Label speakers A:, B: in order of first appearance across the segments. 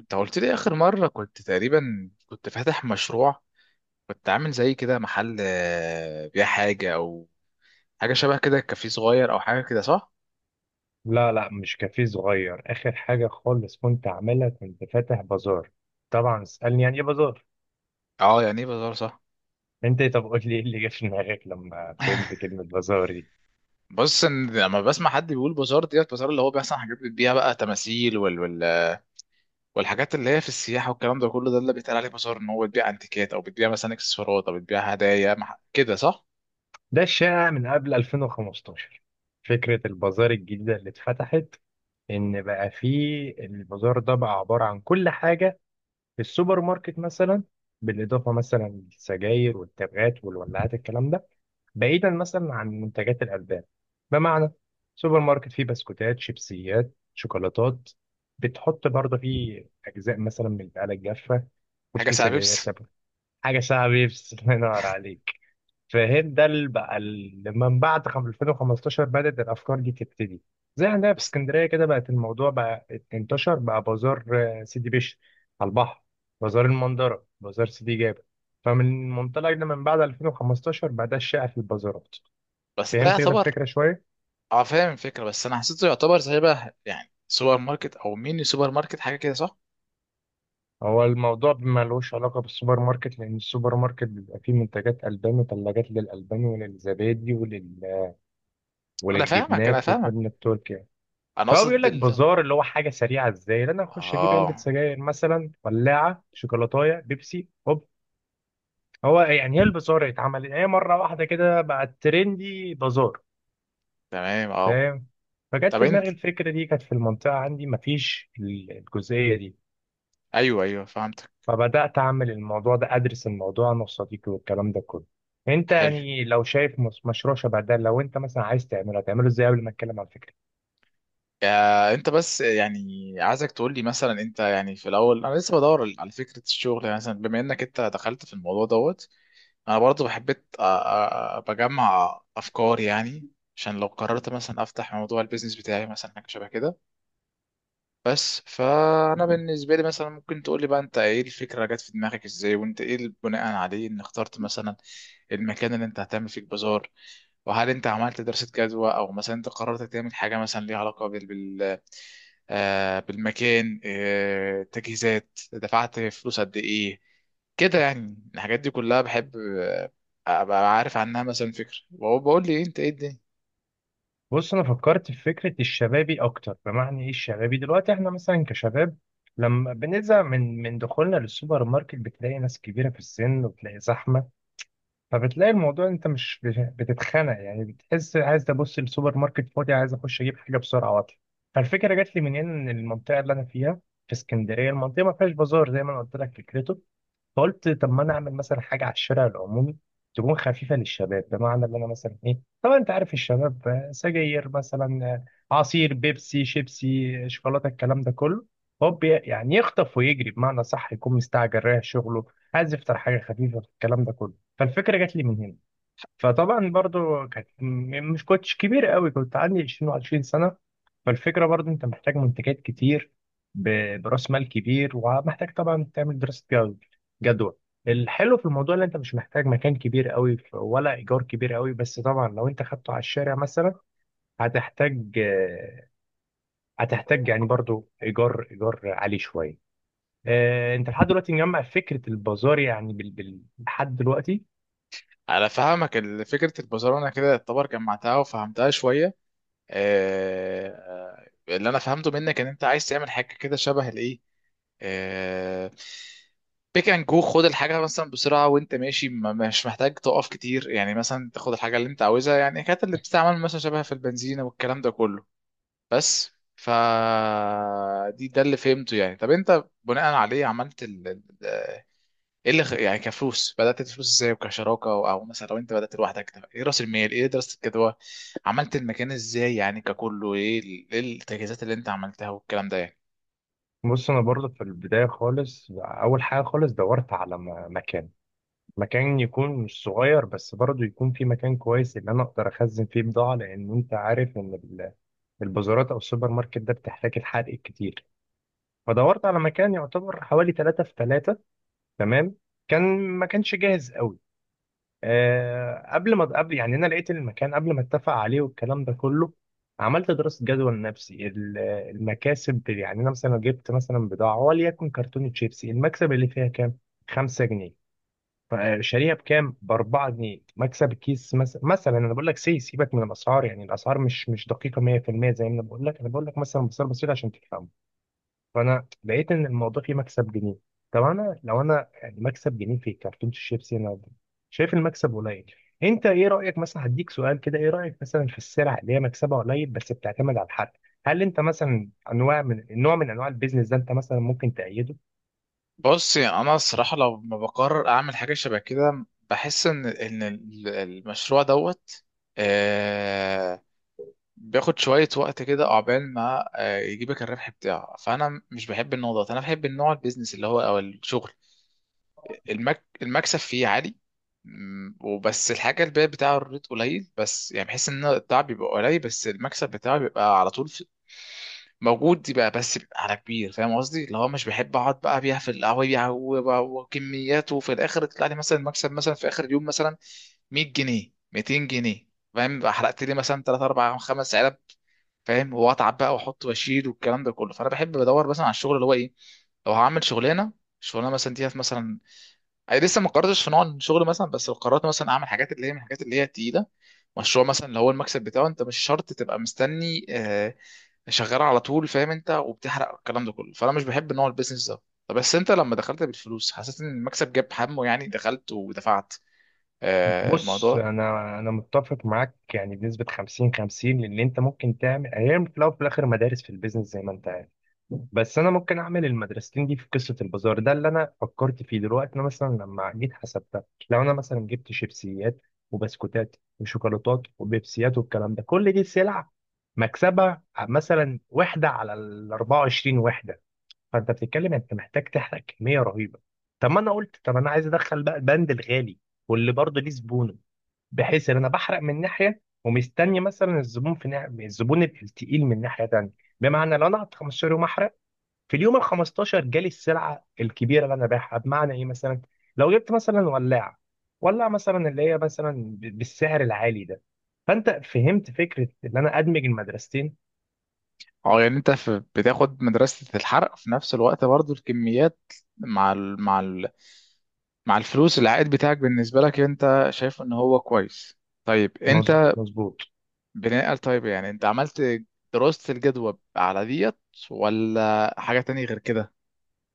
A: انت قلت لي اخر مره كنت تقريبا فاتح مشروع. كنت عامل زي كده محل، بيع حاجه او حاجه شبه كده، كافيه صغير او حاجه كده، صح؟
B: لا لا, مش كافيه صغير. آخر حاجة خالص كنت عاملها، كنت فاتح بازار. طبعا اسألني يعني إيه بازار؟
A: اه، يعني ايه بازار، صح؟
B: أنت إيه؟ طب قول لي إيه اللي جه في دماغك لما فهمت كلمة بازار دي.
A: بص، ان لما بسمع حد بيقول بازار ديت، بازار اللي هو بيحصل حاجات بتبيع بقى تماثيل والحاجات اللي هي في السياحه والكلام ده كله، ده اللي بيتقال عليه بازار، ان هو بتبيع انتيكات او بتبيع مثلا اكسسوارات او بتبيع هدايا كده، صح؟
B: ده الشائع من قبل 2015. فكرة البازار الجديدة اللي اتفتحت، إن بقى فيه البازار ده بقى عبارة عن كل حاجة في السوبر ماركت مثلا، بالاضافه مثلا للسجاير والتبغات والولاعات الكلام ده، بعيدا مثلا عن منتجات الالبان. بمعنى سوبر ماركت فيه بسكوتات شيبسيات شوكولاتات، بتحط برضه فيه اجزاء مثلا من البقاله الجافه،
A: حاجه
B: وفيه
A: ساعه
B: سجاير
A: بيبس.
B: تبغ. حاجه ساعه بيبس الله ينور عليك. فاهم، ده اللي بقى اللي من بعد 2015 بدأت الأفكار دي تبتدي. زي عندنا في
A: بس
B: اسكندرية كده بقت الموضوع بقى، انتشر بقى بازار. سيدي بشر على البحر، بازار المندرة، بازار سيدي جابر. فمن منطلق ده من بعد 2015 بقى ده الشائع في البازارات.
A: بس ده
B: فهمت كده
A: يعتبر.
B: الفكرة شوية؟
A: اه فاهم الفكره، بس انا حسيته يعتبر زي بقى يعني سوبر ماركت او ميني سوبر ماركت، حاجه كده صح؟
B: هو الموضوع ملوش علاقة بالسوبر ماركت، لأن السوبر ماركت بيبقى فيه منتجات ألبان وثلاجات للألبان وللزبادي
A: انا فاهمك انا
B: وللجبنات والجبنة
A: فاهمك
B: التركي.
A: انا
B: فهو بيقول
A: قصد
B: لك
A: ال...
B: بازار اللي هو حاجه سريعه، ازاي ان انا اخش اجيب علبه
A: اه،
B: سجاير مثلا، ولاعه، شوكولاتايه، بيبسي، هوب. هو يعني ايه البازار؟ اتعمل هي مره واحده كده بقت ترندي بازار.
A: تمام اه.
B: فاهم. فجت
A: طب
B: في
A: انت،
B: دماغي الفكره دي، كانت في المنطقه عندي مفيش الجزئيه دي.
A: ايوه ايوه فهمتك.
B: فبدات اعمل الموضوع ده، ادرس الموضوع انا وصديقي والكلام ده كله. انت
A: حلو.
B: يعني لو شايف مشروع شبه ده، لو انت مثلا عايز تعمله، هتعمله ازاي قبل ما اتكلم عن الفكره؟
A: آه، انت بس يعني عايزك تقول لي مثلا، انت يعني في الاول، انا لسه بدور على فكره الشغل يعني، مثلا بما انك انت دخلت في الموضوع دوت، انا برضو حبيت بجمع افكار يعني، عشان لو قررت مثلا افتح موضوع البيزنس بتاعي مثلا حاجه شبه كده. بس فانا بالنسبه لي، مثلا ممكن تقول لي بقى انت ايه الفكره جت في دماغك ازاي، وانت ايه اللي بناء عليه ان اخترت مثلا المكان اللي انت هتعمل فيه البازار، وهل انت عملت دراسه جدوى، او مثلا انت قررت تعمل حاجه مثلا ليها علاقه آه بالمكان، آه تجهيزات، دفعت فلوس قد ايه؟ كده يعني الحاجات دي كلها بحب ابقى عارف عنها، مثلا فكره. وهو بقول لي إيه انت ايه الدنيا.
B: بص، انا فكرت في فكره الشبابي اكتر. بمعنى ايه الشبابي؟ دلوقتي احنا مثلا كشباب لما بنزهق من دخولنا للسوبر ماركت، بتلاقي ناس كبيره في السن وبتلاقي زحمه، فبتلاقي الموضوع انت مش بتتخنق، يعني بتحس عايز ابص السوبر ماركت فاضي، عايز اخش اجيب حاجه بسرعه واطلع. فالفكره جات لي من هنا، ان المنطقه اللي انا فيها في اسكندريه، المنطقه ما فيهاش بازار زي ما انا قلت لك فكرته. فقلت طب ما انا اعمل مثلا حاجه على الشارع العمومي، تكون خفيفه للشباب. بمعنى ان انا مثلا ايه، طبعا انت عارف الشباب، سجاير مثلا، عصير، بيبسي، شيبسي، شوكولاته، الكلام ده كله. هوب يعني يخطف ويجري، بمعنى صح، يكون مستعجل رايح شغله، عايز يفطر حاجه خفيفه الكلام ده كله. فالفكره جات لي من هنا. فطبعا برضو كانت مش كنتش كبير قوي، كنت عندي 20 و20 سنة. فالفكرة برضو انت محتاج منتجات كتير براس مال كبير، ومحتاج طبعا تعمل دراسة جدوى. الحلو في الموضوع ان انت مش محتاج مكان كبير قوي، ولا ايجار كبير قوي، بس طبعا لو انت خدته على الشارع مثلا هتحتاج، هتحتاج يعني برضو ايجار، عالي شوية. انت لحد دلوقتي مجمع فكرة البازار يعني لحد دلوقتي؟
A: على فهمك فكره البازار انا كده يعتبر جمعتها وفهمتها شويه. اللي انا فهمته منك ان انت عايز تعمل حاجه كده شبه الايه، آه، بيك اند جو، خد الحاجه مثلا بسرعه وانت ماشي، مش محتاج تقف كتير يعني، مثلا تاخد الحاجه اللي انت عاوزها يعني، كانت اللي بتستعمل مثلا شبه في البنزينه والكلام ده كله. بس ف دي ده اللي فهمته يعني. طب انت بناء عليه عملت ايه يعني كفلوس، بدات الفلوس ازاي، وكشراكه أو مثلا لو انت بدات لوحدك، طب ايه راس المال، ايه دراسه الجدوى، عملت المكان ازاي يعني ككله، ايه إيه التجهيزات اللي انت عملتها والكلام ده يعني.
B: بص، انا برضه في البدايه خالص، اول حاجه خالص دورت على مكان. مكان يكون مش صغير بس برضه يكون في مكان كويس، اللي انا اقدر اخزن فيه بضاعه، لان انت عارف ان البازارات او السوبر ماركت ده بتحتاج الحرق كتير. فدورت على مكان يعتبر حوالي 3 في 3. تمام. ما كانش جاهز قوي. قبل ما قبل، يعني انا لقيت المكان قبل ما اتفق عليه والكلام ده كله، عملت دراسه جدوى لنفسي المكاسب. يعني انا مثلا لو جبت مثلا بضاعه، وليكن كرتونه شيبسي، المكسب اللي فيها كام؟ 5 جنيه. فشاريها بكام؟ ب 4 جنيه، مكسب الكيس. مثلا انا بقول لك، سي سيبك من الاسعار، يعني الاسعار مش دقيقه 100%، زي ما انا بقول لك، مثلا بصير بسيط عشان تفهم. فانا لقيت ان الموضوع فيه مكسب جنيه. طب انا لو انا يعني مكسب جنيه في كرتونه الشيبسي، انا شايف المكسب قليل. انت ايه رايك؟ مثلا هديك سؤال كده، ايه رايك مثلا في السلع اللي هي مكسبها قليل بس بتعتمد على الحد؟ هل انت مثلا، انواع من نوع من انواع البيزنس ده انت مثلا ممكن تأيده؟
A: بص يعني انا الصراحه لو ما بقرر اعمل حاجه شبه كده، بحس ان المشروع دوت آه بياخد شويه وقت كده، عقبال ما آه يجيبك الربح بتاعه. فانا مش بحب النوع ده، انا بحب النوع البيزنس اللي هو او الشغل المكسب فيه عالي. مم، وبس الحاجة البيع بتاعه الريت قليل، بس يعني بحس ان التعب بيبقى قليل بس المكسب بتاعه بيبقى على طول موجود، يبقى بس بيبقى على كبير. فاهم قصدي، اللي هو مش بحب اقعد بقى ابيع في القهوة يبيع وكميات وفي الاخر يطلع لي مثلا المكسب مثلا في اخر اليوم مثلا 100 جنيه 200 جنيه. فاهم، بقى حرقت لي مثلا 3 4 5 علب، فاهم، واتعب بقى واحط واشيل والكلام ده كله. فانا بحب بدور مثلا على الشغل اللي هو ايه، لو هعمل شغلانه، الشغلانه مثلا ديت مثلا، انا لسه ما قررتش في نوع الشغل مثلا، بس لو قررت مثلا اعمل حاجات اللي هي من الحاجات اللي هي تقيله، مشروع مثلا اللي هو المكسب بتاعه، انت مش شرط تبقى مستني شغال على طول، فاهم انت، وبتحرق الكلام ده كله. فانا مش بحب نوع البيزنس ده. طب بس انت لما دخلت بالفلوس حسيت ان المكسب جاب همه؟ يعني دخلت ودفعت
B: بص،
A: الموضوع.
B: انا متفق معاك يعني بنسبه 50 50، لان انت ممكن تعمل هي، في الاول وفي الاخر مدارس في البيزنس زي ما انت عارف. بس انا ممكن اعمل المدرستين دي في قصه البازار ده اللي انا فكرت فيه. دلوقتي انا مثلا لما جيت حسبتها، لو انا مثلا جبت شيبسيات وبسكوتات وشوكولاتات وبيبسيات والكلام ده كل دي سلع، مكسبها مثلا وحده على ال 24 وحده. فانت بتتكلم انت محتاج تحرق كميه رهيبه. طب ما انا قلت طب انا عايز ادخل بقى البند الغالي، واللي برضه ليه زبونه، بحيث ان انا بحرق من ناحيه، ومستني مثلا الزبون في ناحية، الزبون التقيل من ناحيه تانيه. بمعنى لو انا قعدت 15 يوم احرق، في اليوم ال 15 جالي السلعه الكبيره اللي انا بايعها. بمعنى ايه؟ مثلا لو جبت مثلا ولاعه، ولاعه مثلا اللي هي مثلا بالسعر العالي ده، فانت فهمت فكره ان انا ادمج المدرستين.
A: اه يعني انت في بتاخد مدرسة الحرق في نفس الوقت برضو الكميات مع ال مع ال مع الفلوس العائد بتاعك، بالنسبة لك انت شايف ان هو كويس. طيب انت
B: مظبوط.
A: طيب يعني انت عملت دراسة الجدوى على ديت، ولا حاجة تانية غير كده؟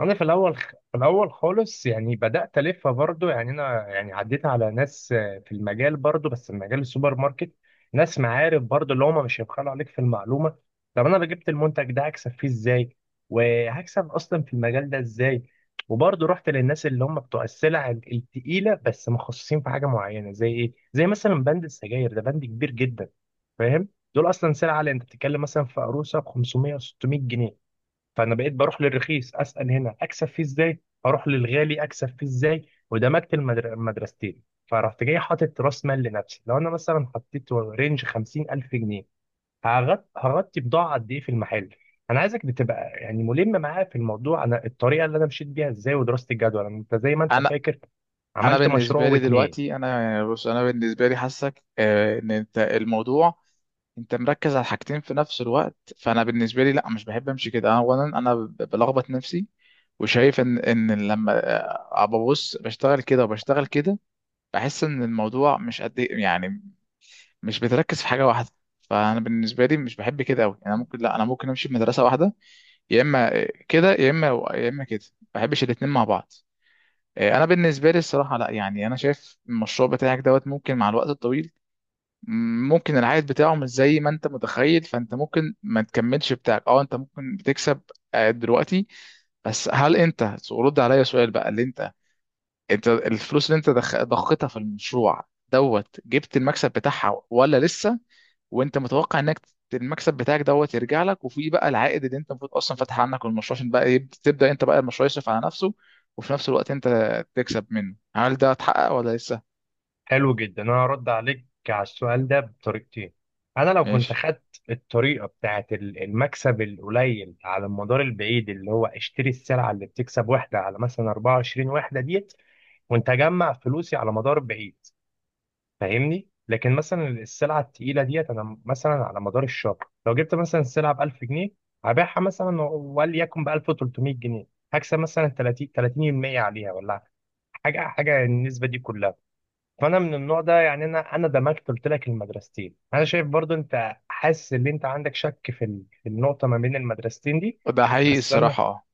B: انا في الاول، خالص، يعني بدات الفها برضو، يعني انا يعني عديت على ناس، في المجال برضو بس في مجال السوبر ماركت، ناس معارف برضو اللي هم مش هيبخلوا عليك في المعلومه. طب انا لو جبت المنتج ده هكسب فيه ازاي، وهكسب اصلا في المجال ده ازاي. وبرضو رحت للناس اللي هم بتوع السلع التقيله، بس مخصصين في حاجه معينه، زي ايه؟ زي مثلا بند السجاير، ده بند كبير جدا. فاهم؟ دول اصلا سلعه اللي انت بتتكلم مثلا في عروسه ب 500 و 600 جنيه. فانا بقيت بروح للرخيص اسال هنا اكسب فيه ازاي، اروح للغالي اكسب فيه ازاي، ودمجت المدرستين. فرحت جاي حاطط راس مال لنفسي، لو انا مثلا حطيت رينج 50000 جنيه، هغطي بضاعه قد ايه في المحل. انا عايزك بتبقى يعني ملم معايا في الموضوع، انا الطريقه اللي انا مشيت بيها ازاي ودراسه الجدول انت زي ما انت
A: انا
B: فاكر
A: انا
B: عملت مشروع
A: بالنسبة لي
B: واتنين.
A: دلوقتي انا يعني، بص انا بالنسبة لي حاسك ان انت الموضوع، انت مركز على حاجتين في نفس الوقت. فانا بالنسبة لي لا، مش بحب امشي كده. اولا انا بلخبط نفسي، وشايف ان ان لما ببص بشتغل كده وبشتغل كده، بحس ان الموضوع مش قد يعني مش بتركز في حاجة واحدة. فانا بالنسبة لي مش بحب كده قوي. انا ممكن لا انا ممكن امشي في مدرسة واحدة، يا اما كده يا اما، يا اما كده. ما بحبش الاثنين مع بعض. انا بالنسبه لي الصراحه لا يعني، انا شايف المشروع بتاعك دوت ممكن مع الوقت الطويل، ممكن العائد بتاعه مش زي ما انت متخيل، فانت ممكن ما تكملش بتاعك. اه انت ممكن بتكسب دلوقتي، بس هل انت رد عليا سؤال بقى، اللي انت انت الفلوس اللي انت ضختها في المشروع دوت جبت المكسب بتاعها ولا لسه؟ وانت متوقع انك المكسب بتاعك دوت يرجع لك، وفي بقى العائد اللي انت المفروض اصلا فاتح عنك المشروع عشان بقى يبدا، تبدا انت بقى المشروع يصرف على نفسه وفي نفس الوقت انت تكسب منه، هل ده اتحقق ولا لسه؟
B: حلو جدا، انا هرد عليك على السؤال ده بطريقتين. انا لو كنت
A: ماشي.
B: خدت الطريقه بتاعت المكسب القليل على المدار البعيد، اللي هو اشتري السلعه اللي بتكسب وحده على مثلا 24 وحده ديت، وانت اجمع فلوسي على مدار بعيد، فاهمني. لكن مثلا السلعه التقيله ديت انا مثلا على مدار الشهر، لو جبت مثلا السلعه ب 1000 جنيه، هبيعها مثلا وليكن ب 1300 جنيه، هكسب مثلا 30% عليها، ولا حاجه، حاجه النسبه دي كلها. فانا من النوع ده، يعني انا دمجت قلت لك المدرستين. انا شايف برضو انت حاسس ان انت عندك شك في في النقطه ما بين المدرستين دي.
A: ده حقيقي
B: بس انا
A: الصراحه، اه.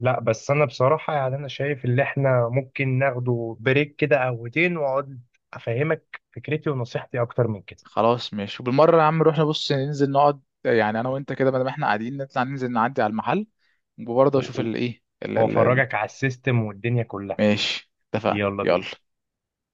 B: لا بس انا بصراحه، يعني انا شايف ان احنا ممكن ناخده بريك كده، قهوتين واقعد افهمك فكرتي ونصيحتي اكتر من كده.
A: خلاص ماشي، وبالمره يا عم نروح نبص، ننزل نقعد يعني انا وانت كده، بدل ما احنا قاعدين نطلع ننزل، نعدي على المحل وبرضه اشوف
B: و- و-
A: الايه
B: وافرجك على السيستم والدنيا كلها.
A: ماشي، اتفقنا،
B: يلا
A: يلا.
B: بينا.